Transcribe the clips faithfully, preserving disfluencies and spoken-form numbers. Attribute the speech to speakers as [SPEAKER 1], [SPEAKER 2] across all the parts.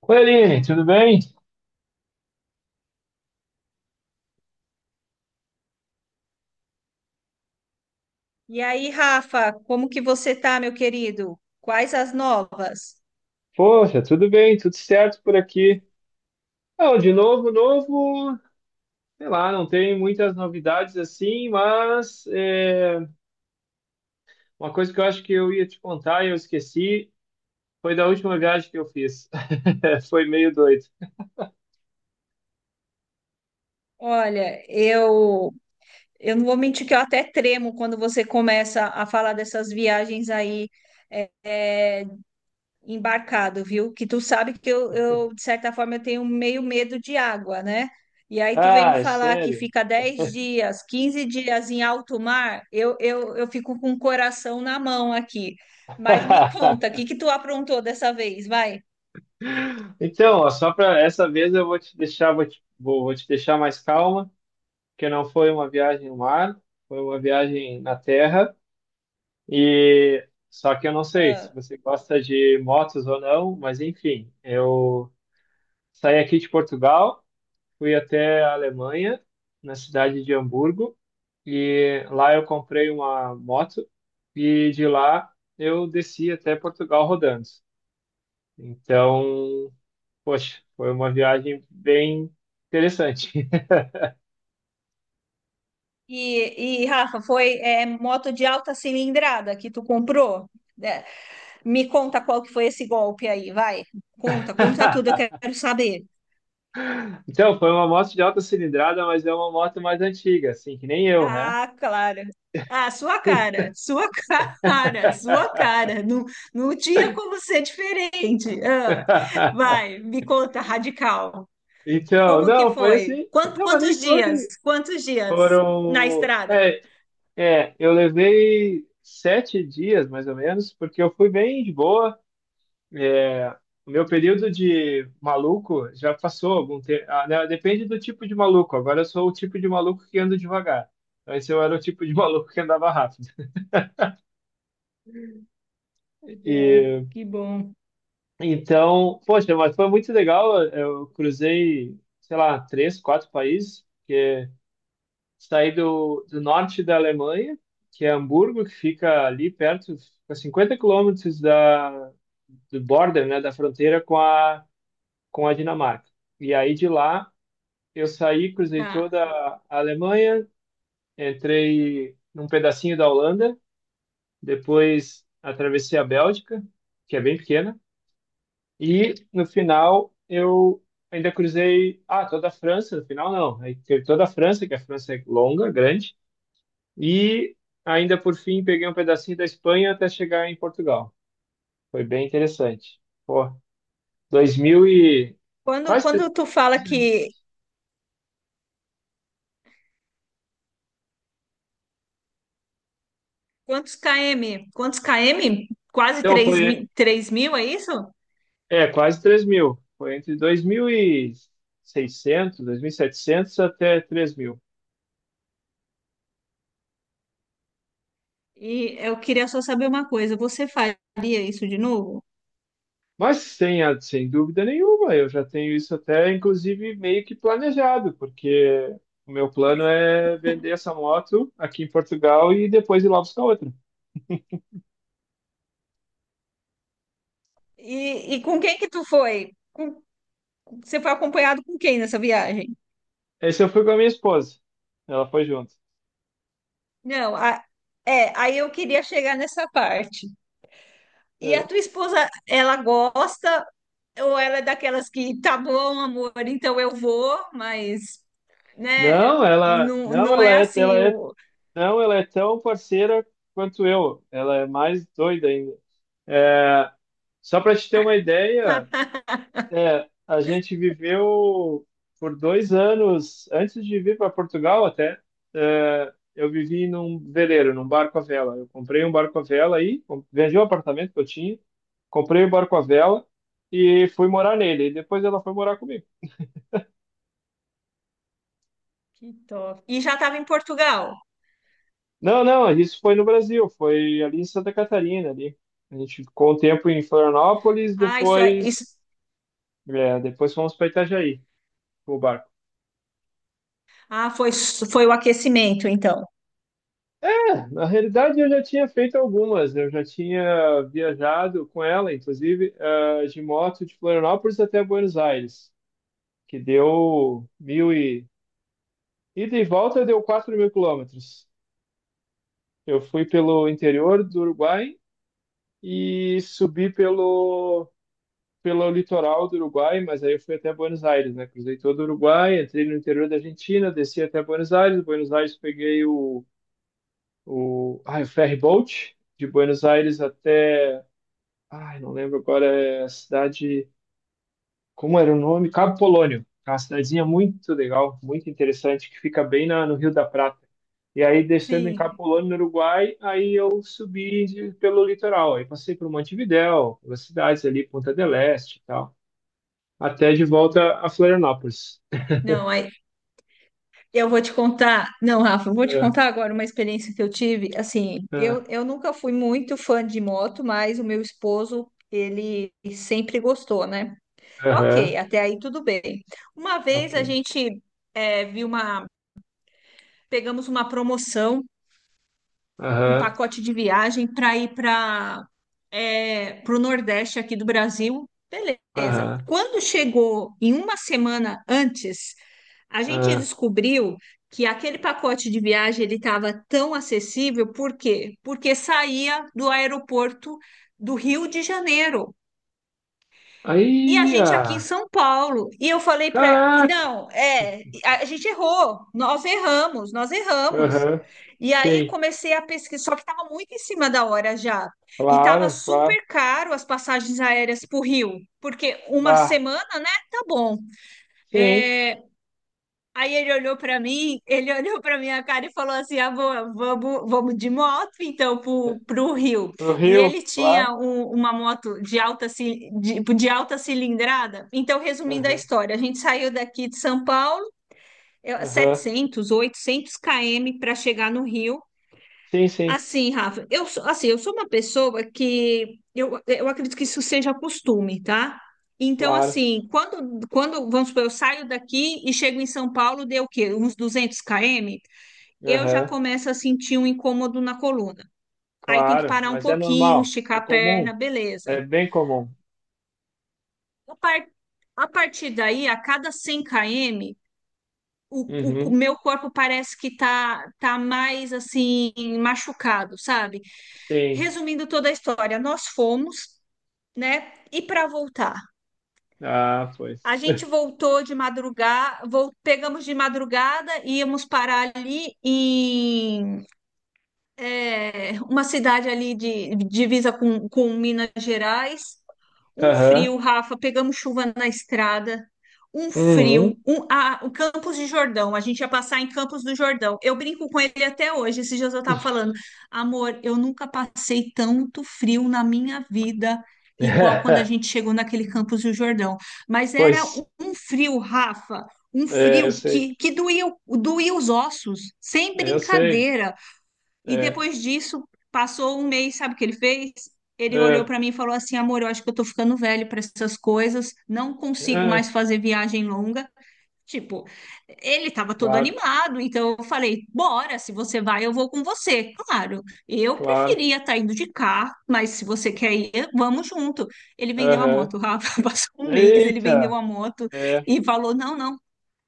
[SPEAKER 1] Oi, Aline, tudo bem?
[SPEAKER 2] E aí, Rafa, como que você tá, meu querido? Quais as novas?
[SPEAKER 1] Poxa, tudo bem, tudo certo por aqui. Não, de novo, novo, sei lá, não tem muitas novidades assim, mas é, uma coisa que eu acho que eu ia te contar e eu esqueci foi da última viagem que eu fiz. Foi meio doido.
[SPEAKER 2] Olha, eu eu não vou mentir que eu até tremo quando você começa a falar dessas viagens aí é, é, embarcado, viu? Que tu sabe que eu, eu, de certa forma, eu tenho meio medo de água, né? E aí tu vem me
[SPEAKER 1] Ah, é
[SPEAKER 2] falar que
[SPEAKER 1] sério?
[SPEAKER 2] fica dez dias, quinze dias em alto mar, eu, eu, eu fico com o coração na mão aqui. Mas me conta, o que que tu aprontou dessa vez? Vai.
[SPEAKER 1] Então, ó, só para essa vez eu vou te deixar, vou te, vou, vou te deixar mais calma, porque não foi uma viagem no mar, foi uma viagem na terra. E só que eu não sei se você gosta de motos ou não, mas enfim, eu saí aqui de Portugal, fui até a Alemanha, na cidade de Hamburgo, e lá eu comprei uma moto e de lá eu desci até Portugal rodando. Então, poxa, foi uma viagem bem interessante.
[SPEAKER 2] E, e, Rafa, foi é, moto de alta cilindrada que tu comprou? É, me conta qual que foi esse golpe aí, vai. Conta, conta tudo, eu quero saber.
[SPEAKER 1] Então, foi uma moto de alta cilindrada, mas é uma moto mais antiga, assim, que nem eu, né?
[SPEAKER 2] Ah, claro. Ah, sua cara, sua cara, sua cara. Não, não tinha como ser diferente. Ah, vai, me conta, radical.
[SPEAKER 1] Então,
[SPEAKER 2] Como que
[SPEAKER 1] não, foi
[SPEAKER 2] foi?
[SPEAKER 1] assim.
[SPEAKER 2] Quanto,
[SPEAKER 1] Não, mas nem
[SPEAKER 2] quantos
[SPEAKER 1] foi.
[SPEAKER 2] dias? Quantos dias na
[SPEAKER 1] Foram.
[SPEAKER 2] estrada?
[SPEAKER 1] É, é, eu levei sete dias, mais ou menos, porque eu fui bem de boa. É, o meu período de maluco já passou algum tempo. Ah, né, depende do tipo de maluco. Agora eu sou o tipo de maluco que anda devagar. Antes eu era o tipo de maluco que andava rápido.
[SPEAKER 2] Que bom,
[SPEAKER 1] E,
[SPEAKER 2] que bom.
[SPEAKER 1] então, poxa, mas foi muito legal. Eu cruzei, sei lá, três, quatro países. Saí do, do norte da Alemanha, que é Hamburgo, que fica ali perto, fica cinquenta quilômetros da, do border, né, da fronteira com a, com a Dinamarca. E aí de lá eu saí, cruzei
[SPEAKER 2] Tá.
[SPEAKER 1] toda a Alemanha, entrei num pedacinho da Holanda, depois atravessei a Bélgica, que é bem pequena, e no final eu ainda cruzei, ah, toda a França, no final não, aí teve toda a França, que a França é longa, grande. E ainda por fim peguei um pedacinho da Espanha até chegar em Portugal. Foi bem interessante. Pô, dois mil e
[SPEAKER 2] Quando,
[SPEAKER 1] quase
[SPEAKER 2] quando
[SPEAKER 1] tre-
[SPEAKER 2] tu fala que... Quantos km? Quantos km? Quase
[SPEAKER 1] então
[SPEAKER 2] três
[SPEAKER 1] foi
[SPEAKER 2] mil, três mil, é isso?
[SPEAKER 1] é quase três mil. Foi entre dois mil e seiscentos, setecentos até três mil.
[SPEAKER 2] E eu queria só saber uma coisa, você faria isso de novo?
[SPEAKER 1] Mas sem, a- sem dúvida nenhuma, eu já tenho isso até inclusive meio que planejado, porque o meu plano é vender essa moto aqui em Portugal e depois ir lá buscar outra.
[SPEAKER 2] E, e com quem que tu foi? Com- você foi acompanhado com quem nessa viagem?
[SPEAKER 1] Esse eu fui com a minha esposa. Ela foi junto.
[SPEAKER 2] Não, a- é, aí eu queria chegar nessa parte. E a
[SPEAKER 1] É.
[SPEAKER 2] tua esposa, ela gosta ou ela é daquelas que, tá bom, amor, então eu vou, mas, né,
[SPEAKER 1] Não, ela,
[SPEAKER 2] não,
[SPEAKER 1] não,
[SPEAKER 2] não
[SPEAKER 1] ela
[SPEAKER 2] é
[SPEAKER 1] é, ela
[SPEAKER 2] assim
[SPEAKER 1] é,
[SPEAKER 2] o.
[SPEAKER 1] não, ela é tão parceira quanto eu. Ela é mais doida ainda. É, só para te ter uma ideia, é, a gente viveu por dois anos antes de vir para Portugal até. É, eu vivi num veleiro, num barco à vela. Eu comprei um barco à vela aí, com- vendi o apartamento que eu tinha, comprei o barco à vela e fui morar nele. E depois ela foi morar comigo.
[SPEAKER 2] Que top. E já estava em Portugal.
[SPEAKER 1] Não, não, isso foi no Brasil, foi ali em Santa Catarina, ali. A gente ficou um tempo em Florianópolis,
[SPEAKER 2] Ah, isso é isso.
[SPEAKER 1] depois, é, depois fomos para Itajaí, com o barco.
[SPEAKER 2] Ah, foi, s- foi o aquecimento, então.
[SPEAKER 1] É, na realidade, eu já tinha feito algumas, eu já tinha viajado com ela, inclusive, eh, de moto de Florianópolis até Buenos Aires, que deu mil e... Ida e volta deu quatro mil quilômetros. Eu fui pelo interior do Uruguai e subi pelo pelo litoral do Uruguai, mas aí eu fui até Buenos Aires, né? Cruzei todo o Uruguai, entrei no interior da Argentina, desci até Buenos Aires. Buenos Aires peguei o, o, ah, o ferry boat de Buenos Aires até, ai, não lembro agora, é a cidade, como era o nome? Cabo Polônio. É uma cidadezinha muito legal, muito interessante, que fica bem na, no Rio da Prata. E aí, descendo em Cabo
[SPEAKER 2] Sim.
[SPEAKER 1] Polônio, no Uruguai, aí eu subi de- pelo litoral. Aí passei por Montevidéu, pelas cidades ali, Punta del Este e tal. Até de volta a Florianópolis.
[SPEAKER 2] Não, aí eu vou te contar. Não, Rafa, eu vou te
[SPEAKER 1] É,
[SPEAKER 2] contar agora uma experiência que eu tive. Assim,
[SPEAKER 1] é,
[SPEAKER 2] eu, eu nunca fui muito fã de moto, mas o meu esposo, ele sempre gostou, né? Ok,
[SPEAKER 1] Aham,
[SPEAKER 2] até aí tudo bem. Uma
[SPEAKER 1] ok.
[SPEAKER 2] vez a gente eh, viu uma. Pegamos uma promoção. Um
[SPEAKER 1] Aham,
[SPEAKER 2] pacote de viagem para ir para é, o Nordeste aqui do Brasil. Beleza.
[SPEAKER 1] aham,
[SPEAKER 2] Quando chegou em uma semana antes, a gente
[SPEAKER 1] aham.
[SPEAKER 2] descobriu que aquele pacote de viagem ele estava tão acessível, por quê? Porque saía do aeroporto do Rio de Janeiro. E a
[SPEAKER 1] Aí,
[SPEAKER 2] gente aqui em
[SPEAKER 1] ah,
[SPEAKER 2] São Paulo. E eu falei para,
[SPEAKER 1] caraca!
[SPEAKER 2] não, é, a a gente errou. Nós erramos, nós erramos.
[SPEAKER 1] Aham,
[SPEAKER 2] E aí
[SPEAKER 1] sim,
[SPEAKER 2] comecei a pesquisar, só que estava muito em cima da hora já. E estava
[SPEAKER 1] claro, claro.
[SPEAKER 2] super caro as passagens aéreas para o Rio, porque uma
[SPEAKER 1] Bah,
[SPEAKER 2] semana, né? Tá bom.
[SPEAKER 1] sim.
[SPEAKER 2] Aí ele olhou pra mim, ele olhou pra minha cara e falou assim: ah, vou, vamos, vamos de moto então pro, pro Rio.
[SPEAKER 1] No
[SPEAKER 2] E
[SPEAKER 1] Rio,
[SPEAKER 2] ele tinha
[SPEAKER 1] claro.
[SPEAKER 2] um- uma moto de alta, ci- de, de alta cilindrada. Então, resumindo a
[SPEAKER 1] Aham,
[SPEAKER 2] história, a gente saiu daqui de São Paulo, eu-
[SPEAKER 1] aham.
[SPEAKER 2] setecentos, oitocentos quilômetros para chegar no Rio.
[SPEAKER 1] Sim, sim,
[SPEAKER 2] Assim, Rafa, eu sou, assim, eu sou uma pessoa que eu, eu acredito que isso seja costume, tá? Então,
[SPEAKER 1] claro.
[SPEAKER 2] assim, quando, quando, vamos supor, eu saio daqui e chego em São Paulo, deu o quê? Uns duzentos quilômetros, eu já
[SPEAKER 1] Aham,
[SPEAKER 2] começo a sentir um incômodo na coluna. Aí tem que
[SPEAKER 1] claro.
[SPEAKER 2] parar um
[SPEAKER 1] Mas é
[SPEAKER 2] pouquinho,
[SPEAKER 1] normal,
[SPEAKER 2] esticar
[SPEAKER 1] é
[SPEAKER 2] a
[SPEAKER 1] comum,
[SPEAKER 2] perna, beleza.
[SPEAKER 1] é bem comum.
[SPEAKER 2] A, par- a partir daí, a cada cem quilômetros, o, o
[SPEAKER 1] Uhum,
[SPEAKER 2] meu corpo parece que tá, tá mais, assim, machucado, sabe?
[SPEAKER 1] sim.
[SPEAKER 2] Resumindo toda a história, nós fomos, né? E para voltar?
[SPEAKER 1] Ah, pois.
[SPEAKER 2] A gente voltou de madrugada, vol- pegamos de madrugada, íamos parar ali em é, uma cidade ali de de divisa com, com Minas Gerais. Um
[SPEAKER 1] Aham,
[SPEAKER 2] frio, Rafa, pegamos chuva na estrada, um frio,
[SPEAKER 1] uhum.
[SPEAKER 2] um, ah, o Campos de Jordão, a gente ia passar em Campos do Jordão. Eu brinco com ele até hoje, esses dias eu estava falando, amor, eu nunca passei tanto frio na minha vida, igual quando a gente chegou naquele Campos do Jordão. Mas era um
[SPEAKER 1] Pois,
[SPEAKER 2] um frio, Rafa, um
[SPEAKER 1] é, eu
[SPEAKER 2] frio
[SPEAKER 1] sei.
[SPEAKER 2] que, que doía, o- doía os ossos, sem
[SPEAKER 1] Eu sei.
[SPEAKER 2] brincadeira. E
[SPEAKER 1] É,
[SPEAKER 2] depois disso, passou um mês, sabe o que ele fez? Ele olhou
[SPEAKER 1] é,
[SPEAKER 2] para mim e falou assim: amor, eu acho que eu tô ficando velho para essas coisas, não consigo
[SPEAKER 1] é,
[SPEAKER 2] mais fazer viagem longa. Tipo, ele estava todo
[SPEAKER 1] claro,
[SPEAKER 2] animado, então eu falei: bora, se você vai, eu vou com você. Claro, eu
[SPEAKER 1] claro.
[SPEAKER 2] preferia estar indo de carro, mas se você quer ir, vamos junto. Ele vendeu a
[SPEAKER 1] Aham.
[SPEAKER 2] moto, Rafa. Passou um mês, ele vendeu
[SPEAKER 1] Eita!
[SPEAKER 2] a moto
[SPEAKER 1] É,
[SPEAKER 2] e falou: não, não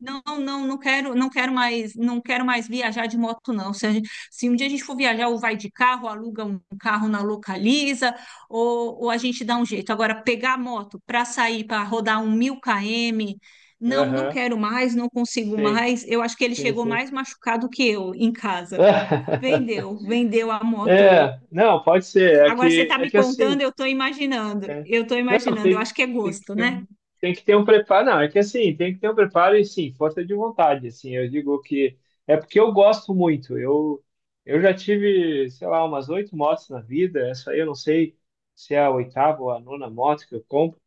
[SPEAKER 2] não, não, não quero, não quero mais, não quero mais viajar de moto, não. Se, a gente- se um dia a gente for viajar, ou vai de carro, aluga um carro na Localiza, ou, ou a gente dá um jeito. Agora, pegar a moto para sair, para rodar um mil km, não, não
[SPEAKER 1] aham.
[SPEAKER 2] quero mais, não consigo
[SPEAKER 1] Sim,
[SPEAKER 2] mais. Eu acho que ele
[SPEAKER 1] sim,
[SPEAKER 2] chegou
[SPEAKER 1] sim.
[SPEAKER 2] mais machucado que eu em casa. Vendeu, vendeu a moto.
[SPEAKER 1] É, não, pode ser. É
[SPEAKER 2] Agora você
[SPEAKER 1] que,
[SPEAKER 2] está
[SPEAKER 1] é
[SPEAKER 2] me
[SPEAKER 1] que assim,
[SPEAKER 2] contando, eu estou imaginando,
[SPEAKER 1] é.
[SPEAKER 2] eu estou
[SPEAKER 1] Não,
[SPEAKER 2] imaginando. Eu
[SPEAKER 1] tem,
[SPEAKER 2] acho que é
[SPEAKER 1] tem que
[SPEAKER 2] gosto,
[SPEAKER 1] ter
[SPEAKER 2] né?
[SPEAKER 1] um, tem que ter um preparo. Não, é que assim, tem que ter um preparo e sim, força de vontade. Assim, eu digo que é porque eu gosto muito. Eu, eu já tive, sei lá, umas oito motos na vida. Essa aí eu não sei se é a oitava ou a nona moto que eu compro.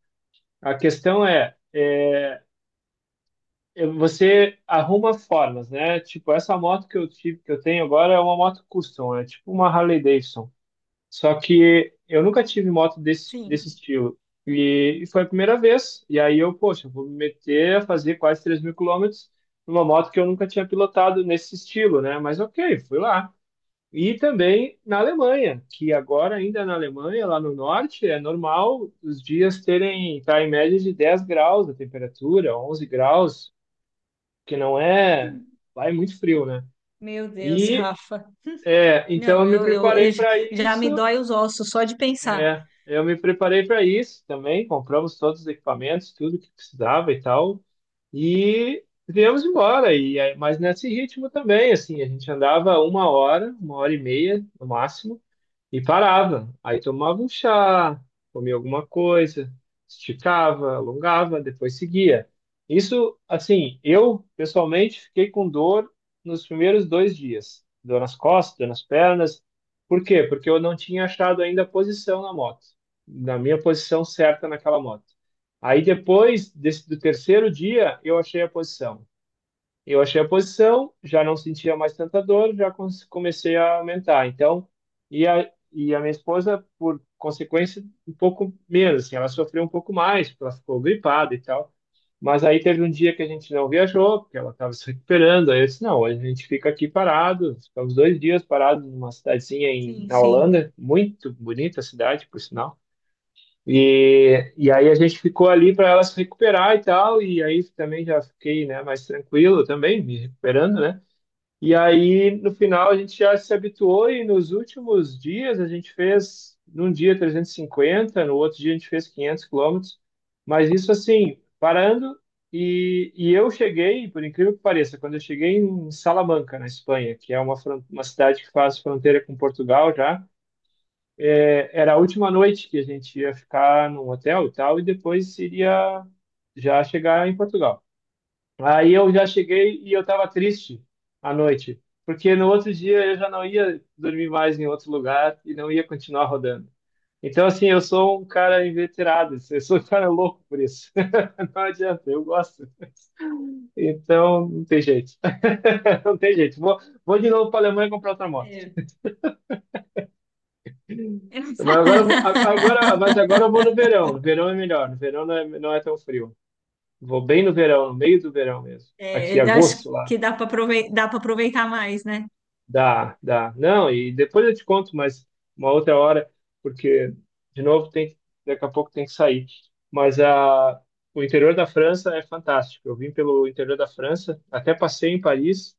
[SPEAKER 1] A questão é, é, é, você arruma formas, né? Tipo, essa moto que eu tive, que eu tenho agora é uma moto custom, é tipo uma Harley Davidson. Só que eu nunca tive moto desse, desse
[SPEAKER 2] Sim.
[SPEAKER 1] estilo. E, e foi a primeira vez. E aí eu, poxa, vou me meter a fazer quase três mil quilômetros numa moto que eu nunca tinha pilotado nesse estilo, né? Mas ok, fui lá. E também na Alemanha, que agora ainda na Alemanha, lá no norte, é normal os dias terem, tá em média de dez graus a temperatura, onze graus, que não é, lá é muito frio, né?
[SPEAKER 2] Meu Deus,
[SPEAKER 1] E
[SPEAKER 2] Rafa.
[SPEAKER 1] é, então
[SPEAKER 2] Não,
[SPEAKER 1] eu me
[SPEAKER 2] eu, eu,
[SPEAKER 1] preparei
[SPEAKER 2] eu já
[SPEAKER 1] para
[SPEAKER 2] já
[SPEAKER 1] isso,
[SPEAKER 2] me dói os ossos só de pensar.
[SPEAKER 1] é, eu me preparei para isso também, compramos todos os equipamentos, tudo que precisava e tal, e viemos embora. E aí- mas nesse ritmo também, assim, a gente andava uma hora, uma hora e meia no máximo. E parava. Aí tomava um chá, comia alguma coisa, esticava, alongava, depois seguia. Isso, assim, eu pessoalmente fiquei com dor nos primeiros dois dias. Dor nas costas, dor nas pernas. Por quê? Porque eu não tinha achado ainda a posição na moto, na minha posição certa naquela moto. Aí depois desse, do terceiro dia, eu achei a posição. Eu achei a posição, já não sentia mais tanta dor, já con- comecei a aumentar. Então, e a, e a minha esposa, por consequência, um pouco menos, assim, ela sofreu um pouco mais, porque ela ficou gripada e tal. Mas aí teve um dia que a gente não viajou, porque ela estava se recuperando. Aí eu disse: não, hoje a gente fica aqui parado. Ficamos dois dias parados numa cidadezinha em,
[SPEAKER 2] Sim,
[SPEAKER 1] na
[SPEAKER 2] sim.
[SPEAKER 1] Holanda, muito bonita a cidade, por sinal. E, e aí a gente ficou ali para ela se recuperar e tal, e aí também já fiquei, né, mais tranquilo também, me recuperando, né? E aí no final a gente já se habituou e nos últimos dias a gente fez num dia trezentos e cinquenta, no outro dia a gente fez quinhentos quilômetros, mas isso assim, parando e, e eu cheguei, por incrível que pareça, quando eu cheguei em Salamanca, na Espanha, que é uma, fron- uma cidade que faz fronteira com Portugal já, é, era a última noite que a gente ia ficar num hotel e tal, e depois iria já chegar em Portugal. Aí eu já cheguei e eu estava triste à noite, porque no outro dia eu já não ia dormir mais em outro lugar e não ia continuar rodando. Então, assim, eu sou um cara inveterado, assim, eu sou um cara louco por isso. Não adianta, eu gosto. Então, não tem jeito. Não tem jeito. Vou, vou de novo para a Alemanha comprar outra moto.
[SPEAKER 2] É.
[SPEAKER 1] Mas agora, eu vou- a- agora, mas agora eu vou no verão. No verão é melhor. No verão não é, não é tão frio. Vou bem no verão, no meio do verão mesmo. Aqui,
[SPEAKER 2] É, eu acho
[SPEAKER 1] agosto lá.
[SPEAKER 2] que dá para aproveitar, dá para aproveitar mais, né?
[SPEAKER 1] Dá, dá. Não, e depois eu te conto, mas uma outra hora, porque, de novo, tem, que- daqui a pouco tem que sair. Mas a, o interior da França é fantástico. Eu vim pelo interior da França, até passei em Paris,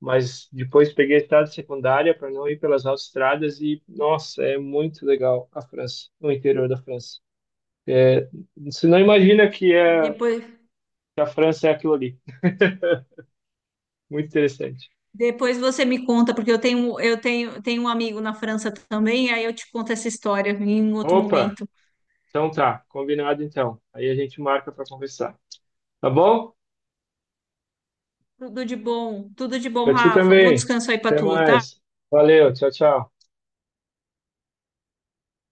[SPEAKER 1] mas depois peguei a estrada secundária para não ir pelas autoestradas e, nossa, é muito legal a França, o interior da França. É, você não imagina que, é,
[SPEAKER 2] Depois,
[SPEAKER 1] que a França é aquilo ali. Muito interessante.
[SPEAKER 2] depois você me conta, porque eu tenho, eu tenho, tenho um amigo na França também, aí eu te conto essa história em um outro
[SPEAKER 1] Opa!
[SPEAKER 2] momento.
[SPEAKER 1] Então tá, combinado então. Aí a gente marca para conversar. Tá bom?
[SPEAKER 2] Tudo de bom, tudo de bom,
[SPEAKER 1] Pra ti
[SPEAKER 2] Rafa. Bom
[SPEAKER 1] também.
[SPEAKER 2] descanso aí para
[SPEAKER 1] Até
[SPEAKER 2] tu, tá?
[SPEAKER 1] mais. Valeu, tchau, tchau.